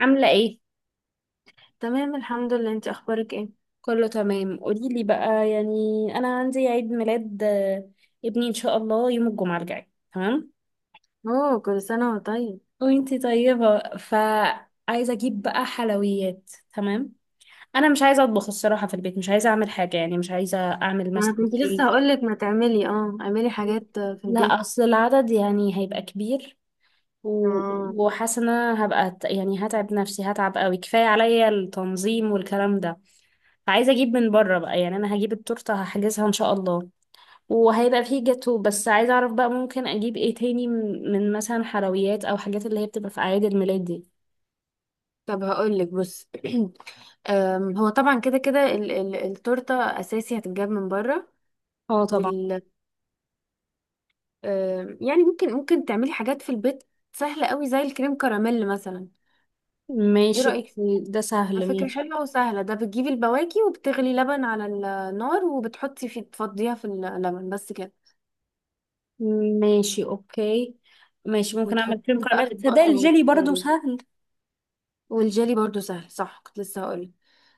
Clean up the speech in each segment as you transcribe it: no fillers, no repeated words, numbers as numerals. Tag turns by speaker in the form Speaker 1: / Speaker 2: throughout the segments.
Speaker 1: عاملة ايه؟
Speaker 2: تمام الحمد لله، انت اخبارك ايه؟
Speaker 1: كله تمام، قوليلي بقى يعني. أنا عندي عيد ميلاد ابني إن شاء الله يوم الجمعة الجاي، تمام؟
Speaker 2: اوه، كل سنه وانت طيب.
Speaker 1: وانتي طيبة، فعايزة أجيب بقى حلويات، تمام؟ أنا مش عايزة أطبخ الصراحة، في البيت مش عايزة أعمل حاجة، يعني مش عايزة أعمل
Speaker 2: ما
Speaker 1: مثلا
Speaker 2: انا كنت لسه
Speaker 1: كيك.
Speaker 2: هقولك، ما تعملي اه اعملي حاجات في
Speaker 1: لا،
Speaker 2: البيت.
Speaker 1: أصل العدد يعني هيبقى كبير و...
Speaker 2: اه،
Speaker 1: وحاسة إن أنا هبقى يعني هتعب نفسي، هتعب قوي، كفاية عليا التنظيم والكلام ده. فعايزة أجيب من بره بقى، يعني أنا هجيب التورتة، هحجزها إن شاء الله، وهيبقى فيه جاتو، بس عايزة اعرف بقى ممكن اجيب ايه تاني، من مثلا حلويات او حاجات اللي هي بتبقى في اعياد الميلاد دي.
Speaker 2: طب هقولك بص. هو طبعا كده كده التورته اساسي هتتجاب من بره.
Speaker 1: اه طبعا.
Speaker 2: وال يعني ممكن تعملي حاجات في البيت سهله قوي، زي الكريم كراميل مثلا. ايه
Speaker 1: ماشي
Speaker 2: رايك؟
Speaker 1: أوكي، ده
Speaker 2: ده
Speaker 1: سهل،
Speaker 2: فكره
Speaker 1: ماشي.
Speaker 2: حلوه وسهله. ده بتجيبي البواكي وبتغلي لبن على النار وبتحطي فيه، تفضيها في اللبن بس كده.
Speaker 1: ماشي اوكي. ماشي، ممكن اعمل كريم
Speaker 2: وتحطيهم بقى
Speaker 1: كراميل
Speaker 2: في اطباق
Speaker 1: ده،
Speaker 2: صغيره.
Speaker 1: الجيلي برضو سهل.
Speaker 2: والجيلي برضو سهل، صح؟ كنت لسه هقولك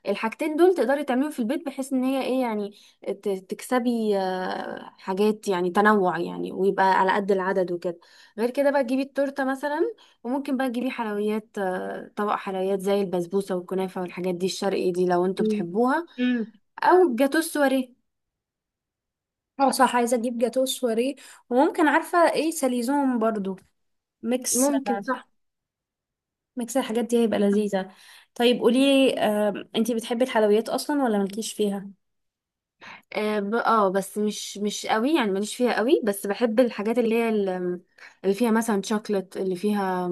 Speaker 2: الحاجتين دول تقدري تعمليهم في البيت، بحيث ان هي ايه يعني تكسبي حاجات، يعني تنوع يعني، ويبقى على قد العدد وكده. غير كده بقى تجيبي التورته مثلا، وممكن بقى تجيبي حلويات، طبق حلويات زي البسبوسه والكنافه والحاجات دي الشرقي دي لو انتوا
Speaker 1: مم.
Speaker 2: بتحبوها.
Speaker 1: امم
Speaker 2: او جاتو السواريه.
Speaker 1: اه صح، عايزة اجيب جاتو سواريه، وممكن عارفة ايه، ساليزون برضو، ميكس،
Speaker 2: ممكن، صح.
Speaker 1: ميكس الحاجات دي هيبقى لذيذة. طيب قولي انتي بتحبي الحلويات اصلا ولا مالكيش فيها؟
Speaker 2: اه، بس مش قوي يعني، ماليش فيها قوي، بس بحب الحاجات اللي هي اللي فيها مثلا شوكلت، اللي فيها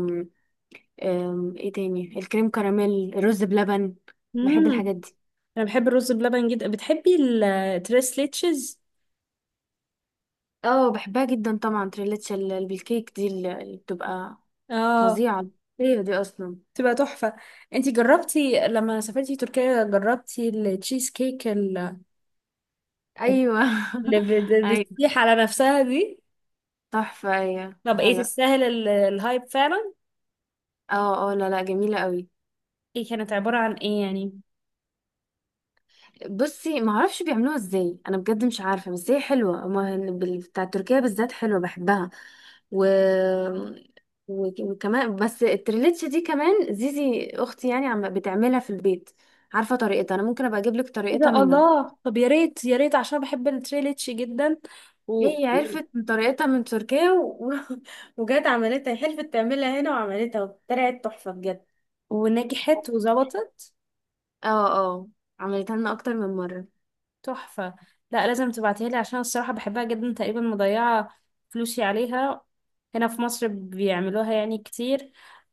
Speaker 2: ايه تاني، الكريم كراميل، الرز بلبن. بحب
Speaker 1: امم
Speaker 2: الحاجات دي.
Speaker 1: انا بحب الرز بلبن جدا. بتحبي التريس ليتشز؟
Speaker 2: اه بحبها جدا طبعا. تريليتشا بالكيك دي اللي بتبقى
Speaker 1: اه،
Speaker 2: فظيعة. ايه دي اصلا؟
Speaker 1: تبقى تحفه. انتي جربتي لما سافرتي تركيا جربتي التشيز كيك
Speaker 2: ايوه.
Speaker 1: اللي
Speaker 2: ايوه.
Speaker 1: بتسيح على نفسها دي؟
Speaker 2: تحفة، ايوه
Speaker 1: طب ايه،
Speaker 2: حلو.
Speaker 1: تستاهل الهايب فعلا؟
Speaker 2: اه اه. لا لا، جميلة قوي.
Speaker 1: ايه كانت عباره عن ايه يعني؟
Speaker 2: بصي، ما اعرفش بيعملوها ازاي، انا بجد مش عارفه، بس هي حلوه. أما بتاع تركيا بالذات حلوه، بحبها. و... وكمان بس التريليتش دي كمان زيزي اختي يعني عم بتعملها في البيت. عارفه طريقتها، انا ممكن ابقى اجيب لك
Speaker 1: ايه
Speaker 2: طريقتها
Speaker 1: ده،
Speaker 2: منها.
Speaker 1: الله، طب يا ريت يا ريت، عشان بحب التريليتش جدا. و...
Speaker 2: هي عرفت من طريقتها من تركيا وجت عملتها، حلفت تعملها هنا وعملتها وطلعت تحفه بجد.
Speaker 1: ونجحت وظبطت.
Speaker 2: اه. اه. عملتها لنا اكتر من مره.
Speaker 1: تحفة. لا لازم تبعتيها لي، عشان الصراحة بحبها جدا، تقريبا مضيعة فلوسي عليها. هنا في مصر بيعملوها يعني كتير،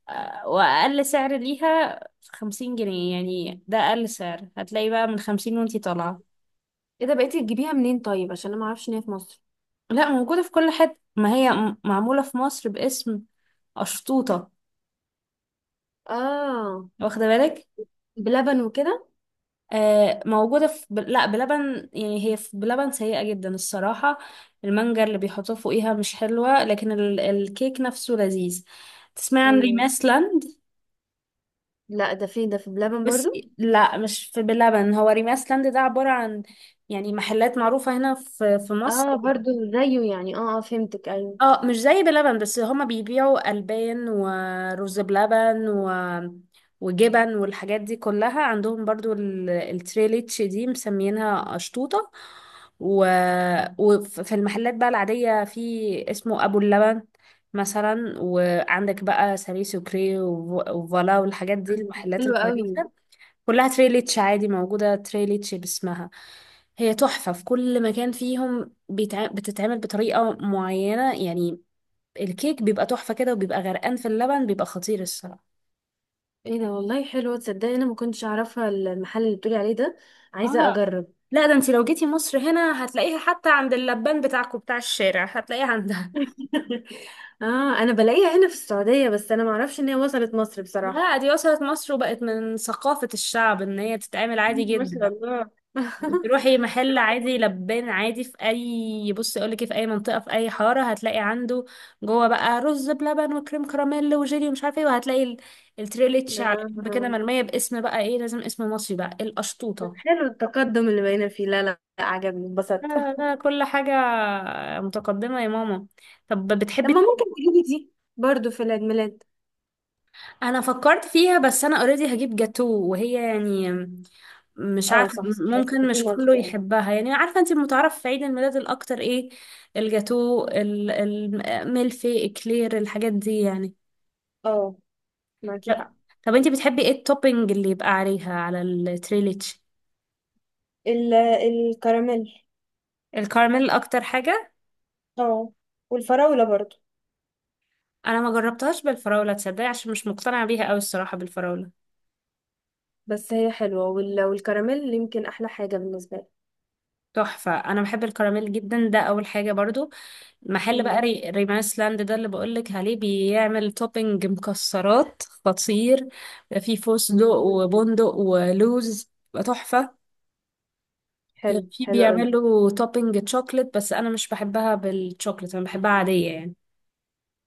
Speaker 1: وأقل سعر ليها 50 جنيه، يعني ده أقل سعر، هتلاقي بقى من 50 وانتي طالعة.
Speaker 2: ايه ده؟ بقيتي تجيبيها منين طيب عشان انا ما اعرفش ان هي في مصر.
Speaker 1: لا موجودة في كل حتة، ما هي معمولة في مصر باسم أشطوطة،
Speaker 2: اه،
Speaker 1: واخدة بالك؟
Speaker 2: بلبن وكده.
Speaker 1: موجودة في لا بلبن يعني هي، في بلبن سيئة جدا الصراحة، المانجا اللي بيحطوه فوقيها مش حلوة، لكن الكيك نفسه لذيذ. تسمع عن
Speaker 2: ايوه.
Speaker 1: ريماسلاند؟
Speaker 2: لا، ده في ده في بلبن
Speaker 1: بس
Speaker 2: برضو.
Speaker 1: لا مش في بلبن، هو ريماسلاند ده عبارة عن يعني محلات معروفة هنا في مصر.
Speaker 2: اه برضو، زيه يعني. اه اه، فهمتك، ايوه.
Speaker 1: اه مش زي بلبن، بس هما بيبيعوا ألبان ورز بلبن وجبن والحاجات دي كلها عندهم برضو، التريليتش دي مسمينها أشطوطة. و... وفي المحلات بقى العادية، في اسمه أبو اللبن مثلا، وعندك بقى ساري سوكري وفالا والحاجات دي، المحلات
Speaker 2: حلوة قوي.
Speaker 1: الكويسة كلها تريليتش، عادي موجودة تريليتش باسمها. هي تحفة في كل مكان، فيهم بتتعمل بطريقة معينة يعني، الكيك بيبقى تحفة كده، وبيبقى غرقان في اللبن، بيبقى خطير الصراحة.
Speaker 2: ايه ده والله، حلوة. تصدقي انا ما كنتش اعرفها المحل اللي بتقولي عليه ده، عايزة
Speaker 1: اه
Speaker 2: اجرب.
Speaker 1: لا، ده انت لو جيتي مصر هنا هتلاقيها، حتى عند اللبان بتاعكم بتاع الشارع هتلاقيها عندها.
Speaker 2: اه، انا بلاقيها هنا في السعودية، بس انا ما اعرفش ان هي وصلت مصر بصراحة.
Speaker 1: لا دي وصلت مصر، وبقت من ثقافة الشعب ان هي تتعمل عادي
Speaker 2: ما
Speaker 1: جدا.
Speaker 2: شاء الله.
Speaker 1: تروحي محل عادي، لبان عادي في اي، بصي اقول لك في اي منطقة في اي حارة هتلاقي عنده جوه بقى رز بلبن وكريم كراميل وجيلي ومش عارفه ايه، وهتلاقي التريليتش على جنب كده
Speaker 2: آه،
Speaker 1: مرمية، باسم بقى ايه، لازم اسم مصري بقى،
Speaker 2: بس
Speaker 1: القشطوطة.
Speaker 2: حلو التقدم اللي بقينا فيه، لا لا لا، عجبني، انبسطت.
Speaker 1: لا لا كل حاجة متقدمة يا ماما. طب
Speaker 2: طب
Speaker 1: بتحبي
Speaker 2: ما ممكن تجيبي دي برضو في العيد ميلاد.
Speaker 1: أنا فكرت فيها، بس أنا اوريدي هجيب جاتو، وهي يعني مش
Speaker 2: اه
Speaker 1: عارفة،
Speaker 2: صح صح،
Speaker 1: ممكن
Speaker 2: كنت
Speaker 1: مش كله
Speaker 2: مالتي اه.
Speaker 1: يحبها يعني. عارفة أنت المتعارف في عيد الميلاد الأكتر إيه، الجاتو الملفي إكلير الحاجات دي يعني.
Speaker 2: اه، معاكي
Speaker 1: طب
Speaker 2: حق.
Speaker 1: طب أنت بتحبي إيه التوبينج اللي يبقى عليها، على التريليتش؟
Speaker 2: الكراميل.
Speaker 1: الكراميل أكتر حاجة.
Speaker 2: اه، والفراولة برضو.
Speaker 1: أنا ما جربتهاش بالفراولة تصدقي، عشان مش مقتنعة بيها أوي الصراحة بالفراولة.
Speaker 2: بس هي حلوة، والكراميل يمكن أحلى حاجة بالنسبة لي.
Speaker 1: تحفة، أنا بحب الكراميل جدا، ده أول حاجة برضو. محل بقى
Speaker 2: مم.
Speaker 1: ريمانس لاند ده اللي بقولك عليه، بيعمل توبينج مكسرات خطير، في فستق وبندق ولوز بقى تحفة.
Speaker 2: حلو،
Speaker 1: في
Speaker 2: حلو قوي.
Speaker 1: بيعملوا توبينج تشوكلت، بس أنا مش بحبها بالتشوكلت، أنا بحبها عادية يعني.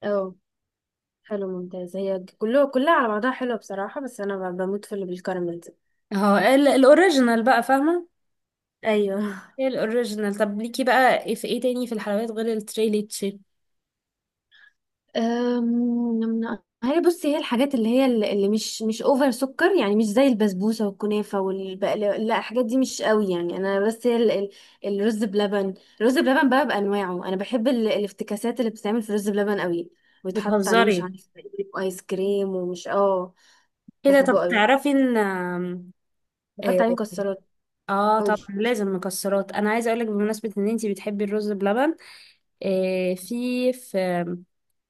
Speaker 2: اه، حلو ممتاز. هي كلها كلها على بعضها حلوة بصراحة، بس أنا بموت في اللي بالكراميل دي.
Speaker 1: اهو الأوريجينال بقى، فاهمة؟
Speaker 2: أيوه.
Speaker 1: هي الأوريجينال. طب ليكي بقى إيه، في إيه تاني في الحلويات غير التريليتشي؟
Speaker 2: أم، هي بصي، هي الحاجات اللي هي اللي مش اوفر سكر يعني، مش زي البسبوسه والكنافه والبقلاوه، لا الحاجات دي مش قوي يعني انا. بس هي الرز بلبن، الرز بلبن بقى بانواعه. انا بحب الافتكاسات اللي بتتعمل في الرز بلبن قوي، ويتحط عليه مش
Speaker 1: بتهزري
Speaker 2: عارف ايس كريم ومش اه.
Speaker 1: كده؟
Speaker 2: بحبه
Speaker 1: طب
Speaker 2: قوي،
Speaker 1: تعرفي إن،
Speaker 2: بحط عليه مكسرات.
Speaker 1: اه طبعا
Speaker 2: قولي.
Speaker 1: لازم مكسرات. انا عايزه اقولك بمناسبه ان انتي بتحبي الرز بلبن، في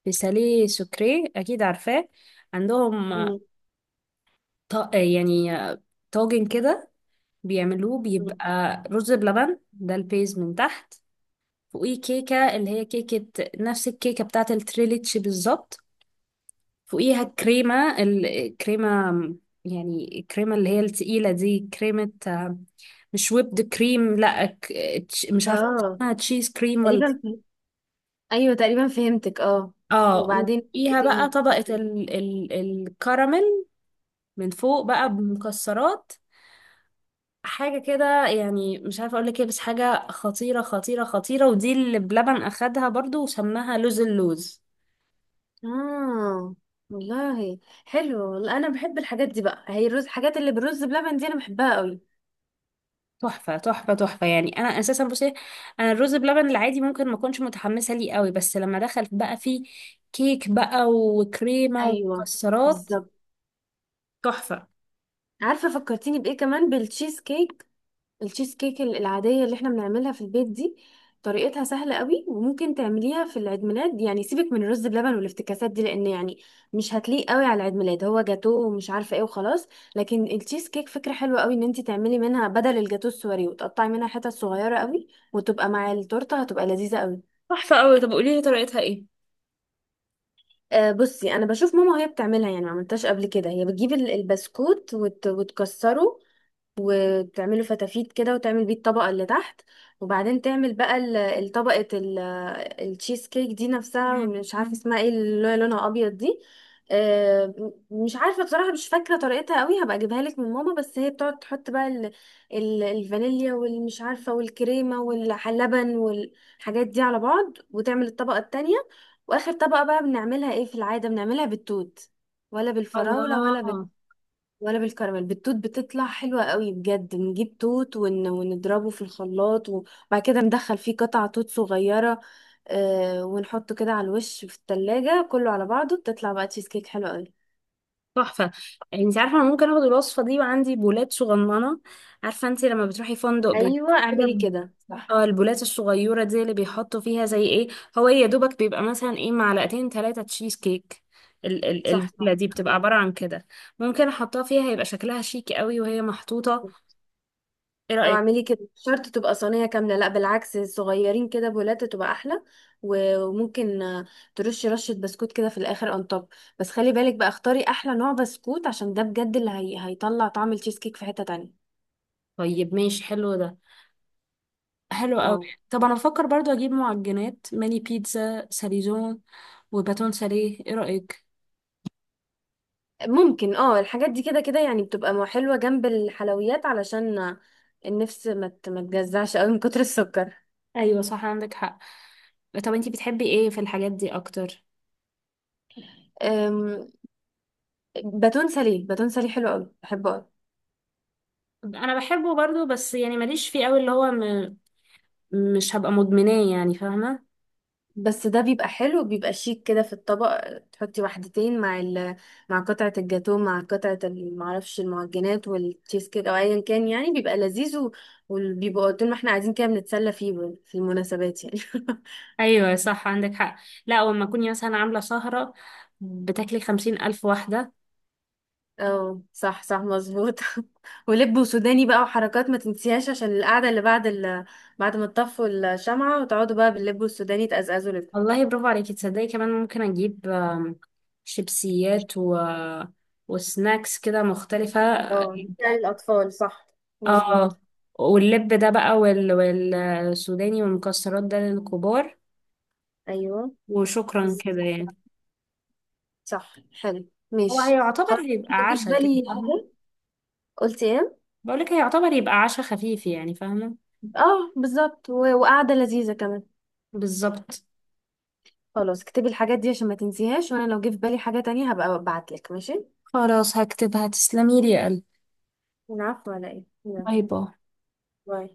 Speaker 1: في ساليه سكري، اكيد عارفاه، عندهم
Speaker 2: مم.
Speaker 1: يعني طاجن كده بيعملوه،
Speaker 2: مم.
Speaker 1: بيبقى رز بلبن ده البيز من تحت، فوقيه كيكه، اللي هي كيكه نفس الكيكه بتاعه التريليتش بالظبط، فوقيها كريمة، الكريمة يعني الكريمة اللي هي التقيلة دي، كريمة مش ويبد كريم، لا مش عارفة
Speaker 2: اه،
Speaker 1: اسمها تشيز كريم ولا.
Speaker 2: تقريبا فهمت. ايوه تقريبا فهمتك، اه.
Speaker 1: اه،
Speaker 2: وبعدين ايه
Speaker 1: وفوقيها بقى
Speaker 2: تاني؟
Speaker 1: طبقة ال ال الكراميل من فوق بقى، بمكسرات، حاجة كده يعني، مش عارفة اقولك ايه، بس حاجة خطيرة خطيرة خطيرة. ودي اللي بلبن اخدها برضو وسماها لوز اللوز.
Speaker 2: اه، والله حلو. لا، انا بحب الحاجات دي بقى، هي الرز، الحاجات اللي بالرز بلبن دي انا بحبها قوي.
Speaker 1: تحفة تحفة تحفة، يعني أنا أساسا بصي، أنا الرز بلبن العادي ممكن ما أكونش متحمسة ليه قوي، بس لما دخل بقى فيه كيك بقى وكريمة
Speaker 2: ايوه،
Speaker 1: ومكسرات،
Speaker 2: بالظبط.
Speaker 1: تحفة.
Speaker 2: عارفه فكرتيني بايه كمان؟ بالتشيز كيك. التشيز كيك العاديه اللي احنا بنعملها في البيت دي طريقتها سهله قوي، وممكن تعمليها في العيد ميلاد يعني. سيبك من الرز بلبن والافتكاسات دي، لان يعني مش هتليق قوي على العيد ميلاد، هو جاتوه ومش عارفه ايه وخلاص. لكن التشيز كيك فكره حلوه قوي ان انت تعملي منها بدل الجاتوه السوري، وتقطعي منها حتت صغيره قوي، وتبقى مع التورته، هتبقى لذيذه قوي.
Speaker 1: تحفة قوي. طب قولي لي طريقتها إيه؟
Speaker 2: أه بصي، انا بشوف ماما وهي بتعملها يعني، ما عملتهاش قبل كده. هي بتجيب البسكوت وتكسره وتعمله فتافيت كده، وتعمل بيه الطبقة اللي تحت. وبعدين تعمل بقى الطبقة التشيز كيك دي نفسها. مش عارفة اسمها ايه، اللي هي لونها أبيض دي. مش عارفة بصراحة، مش فاكرة طريقتها قوي، هبقى اجيبها لك من ماما. بس هي بتقعد تحط بقى الفانيليا والمش عارفة والكريمة واللبن والحاجات دي على بعض، وتعمل الطبقة التانية. واخر طبقة بقى بنعملها ايه في العادة؟ بنعملها بالتوت، ولا بالفراولة،
Speaker 1: الله،
Speaker 2: ولا ولا بالكراميل. بالتوت بتطلع حلوة قوي بجد، نجيب توت ونضربه في الخلاط، وبعد كده ندخل فيه قطع توت صغيرة. آه، ونحطه كده على الوش في التلاجة كله على بعضه، بتطلع بقى تشيز كيك حلوة قوي.
Speaker 1: تحفة. يعني أنت عارفة أنا ممكن آخد الوصفة دي، وعندي بولات صغننة، عارفة أنت لما بتروحي فندق بيبقى
Speaker 2: ايوه
Speaker 1: كده،
Speaker 2: اعملي كده، صح
Speaker 1: اه البولات الصغيرة دي اللي بيحطوا فيها زي ايه، هو ايه يا دوبك، بيبقى مثلا ايه معلقتين 3 تشيز كيك،
Speaker 2: صح صح.
Speaker 1: البولة دي بتبقى عبارة عن كده، ممكن احطها فيها هيبقى شكلها شيك قوي وهي محطوطة، ايه
Speaker 2: او
Speaker 1: رأيك؟
Speaker 2: اعملي كده، مش شرط تبقى صينية كاملة، لا بالعكس، صغيرين كده بولات تبقى احلى. و- وممكن ترشي رشة بسكوت كده في الاخر اون توب. بس خلي بالك بقى، اختاري احلى نوع بسكوت عشان ده بجد اللي هيطلع طعم التشيز كيك في حتة تانية.
Speaker 1: طيب ماشي، حلو ده، حلو قوي.
Speaker 2: اه
Speaker 1: طب انا بفكر برضو اجيب معجنات، ماني بيتزا ساليزون وباتون ساليه، ايه رأيك؟
Speaker 2: ممكن، اه. الحاجات دي كده كده يعني بتبقى حلوة جنب الحلويات، علشان النفس ما ما تجزعش قوي من كتر السكر.
Speaker 1: ايوه صح، عندك حق. طب انتي بتحبي ايه في الحاجات دي اكتر؟
Speaker 2: أم، باتون ساليه، باتون ساليه حلو قوي، بحبه قوي.
Speaker 1: انا بحبه برضو، بس يعني ماليش فيه قوي، اللي هو مش هبقى مدمناه يعني، فاهمة؟
Speaker 2: بس ده بيبقى حلو، بيبقى شيك كده في الطبق، تحطي واحدتين مع ال، مع قطعة الجاتو، مع قطعة معرفش المعجنات والتشيز كيك او ايا كان يعني، بيبقى لذيذ و- وبيبقى طول ما احنا قاعدين كده بنتسلى فيه في المناسبات يعني.
Speaker 1: ايوه صح، عندك حق. لا ولما كوني مثلا عامله سهره، بتاكلي 50 ألف واحده.
Speaker 2: اه صح صح، مظبوط. ولب وسوداني بقى وحركات ما تنسيهاش، عشان القعدة اللي بعد بعد ما تطفوا الشمعة وتقعدوا بقى باللب والسوداني، تقزقزوا لب.
Speaker 1: والله برافو عليكي. تصدقي كمان ممكن اجيب شيبسيات وسناكس كده مختلفه.
Speaker 2: اه، بتاع الأطفال صح،
Speaker 1: اه،
Speaker 2: مظبوط.
Speaker 1: واللب ده بقى والسوداني والمكسرات ده للكبار،
Speaker 2: أيوه.
Speaker 1: وشكرا
Speaker 2: بز-
Speaker 1: كده يعني.
Speaker 2: صح، حلو.
Speaker 1: هو
Speaker 2: ماشي،
Speaker 1: هيعتبر،
Speaker 2: خلاص.
Speaker 1: هيبقى
Speaker 2: لو جه في
Speaker 1: عشاء كده،
Speaker 2: بالي
Speaker 1: فاهمه؟
Speaker 2: حاجة، قلت ايه؟
Speaker 1: بقولك هيعتبر يبقى عشاء خفيف يعني، فاهمه؟
Speaker 2: اه بالظبط، وقعدة لذيذة كمان.
Speaker 1: بالظبط.
Speaker 2: خلاص، اكتبي الحاجات دي عشان ما تنسيهاش، وانا لو جه في بالي حاجة تانية هبقى ابعتلك، ماشي.
Speaker 1: خلاص هكتبها، تسلمي لي يا قلبي.
Speaker 2: العفو، على ايه، يلا.
Speaker 1: باي باي.
Speaker 2: باي.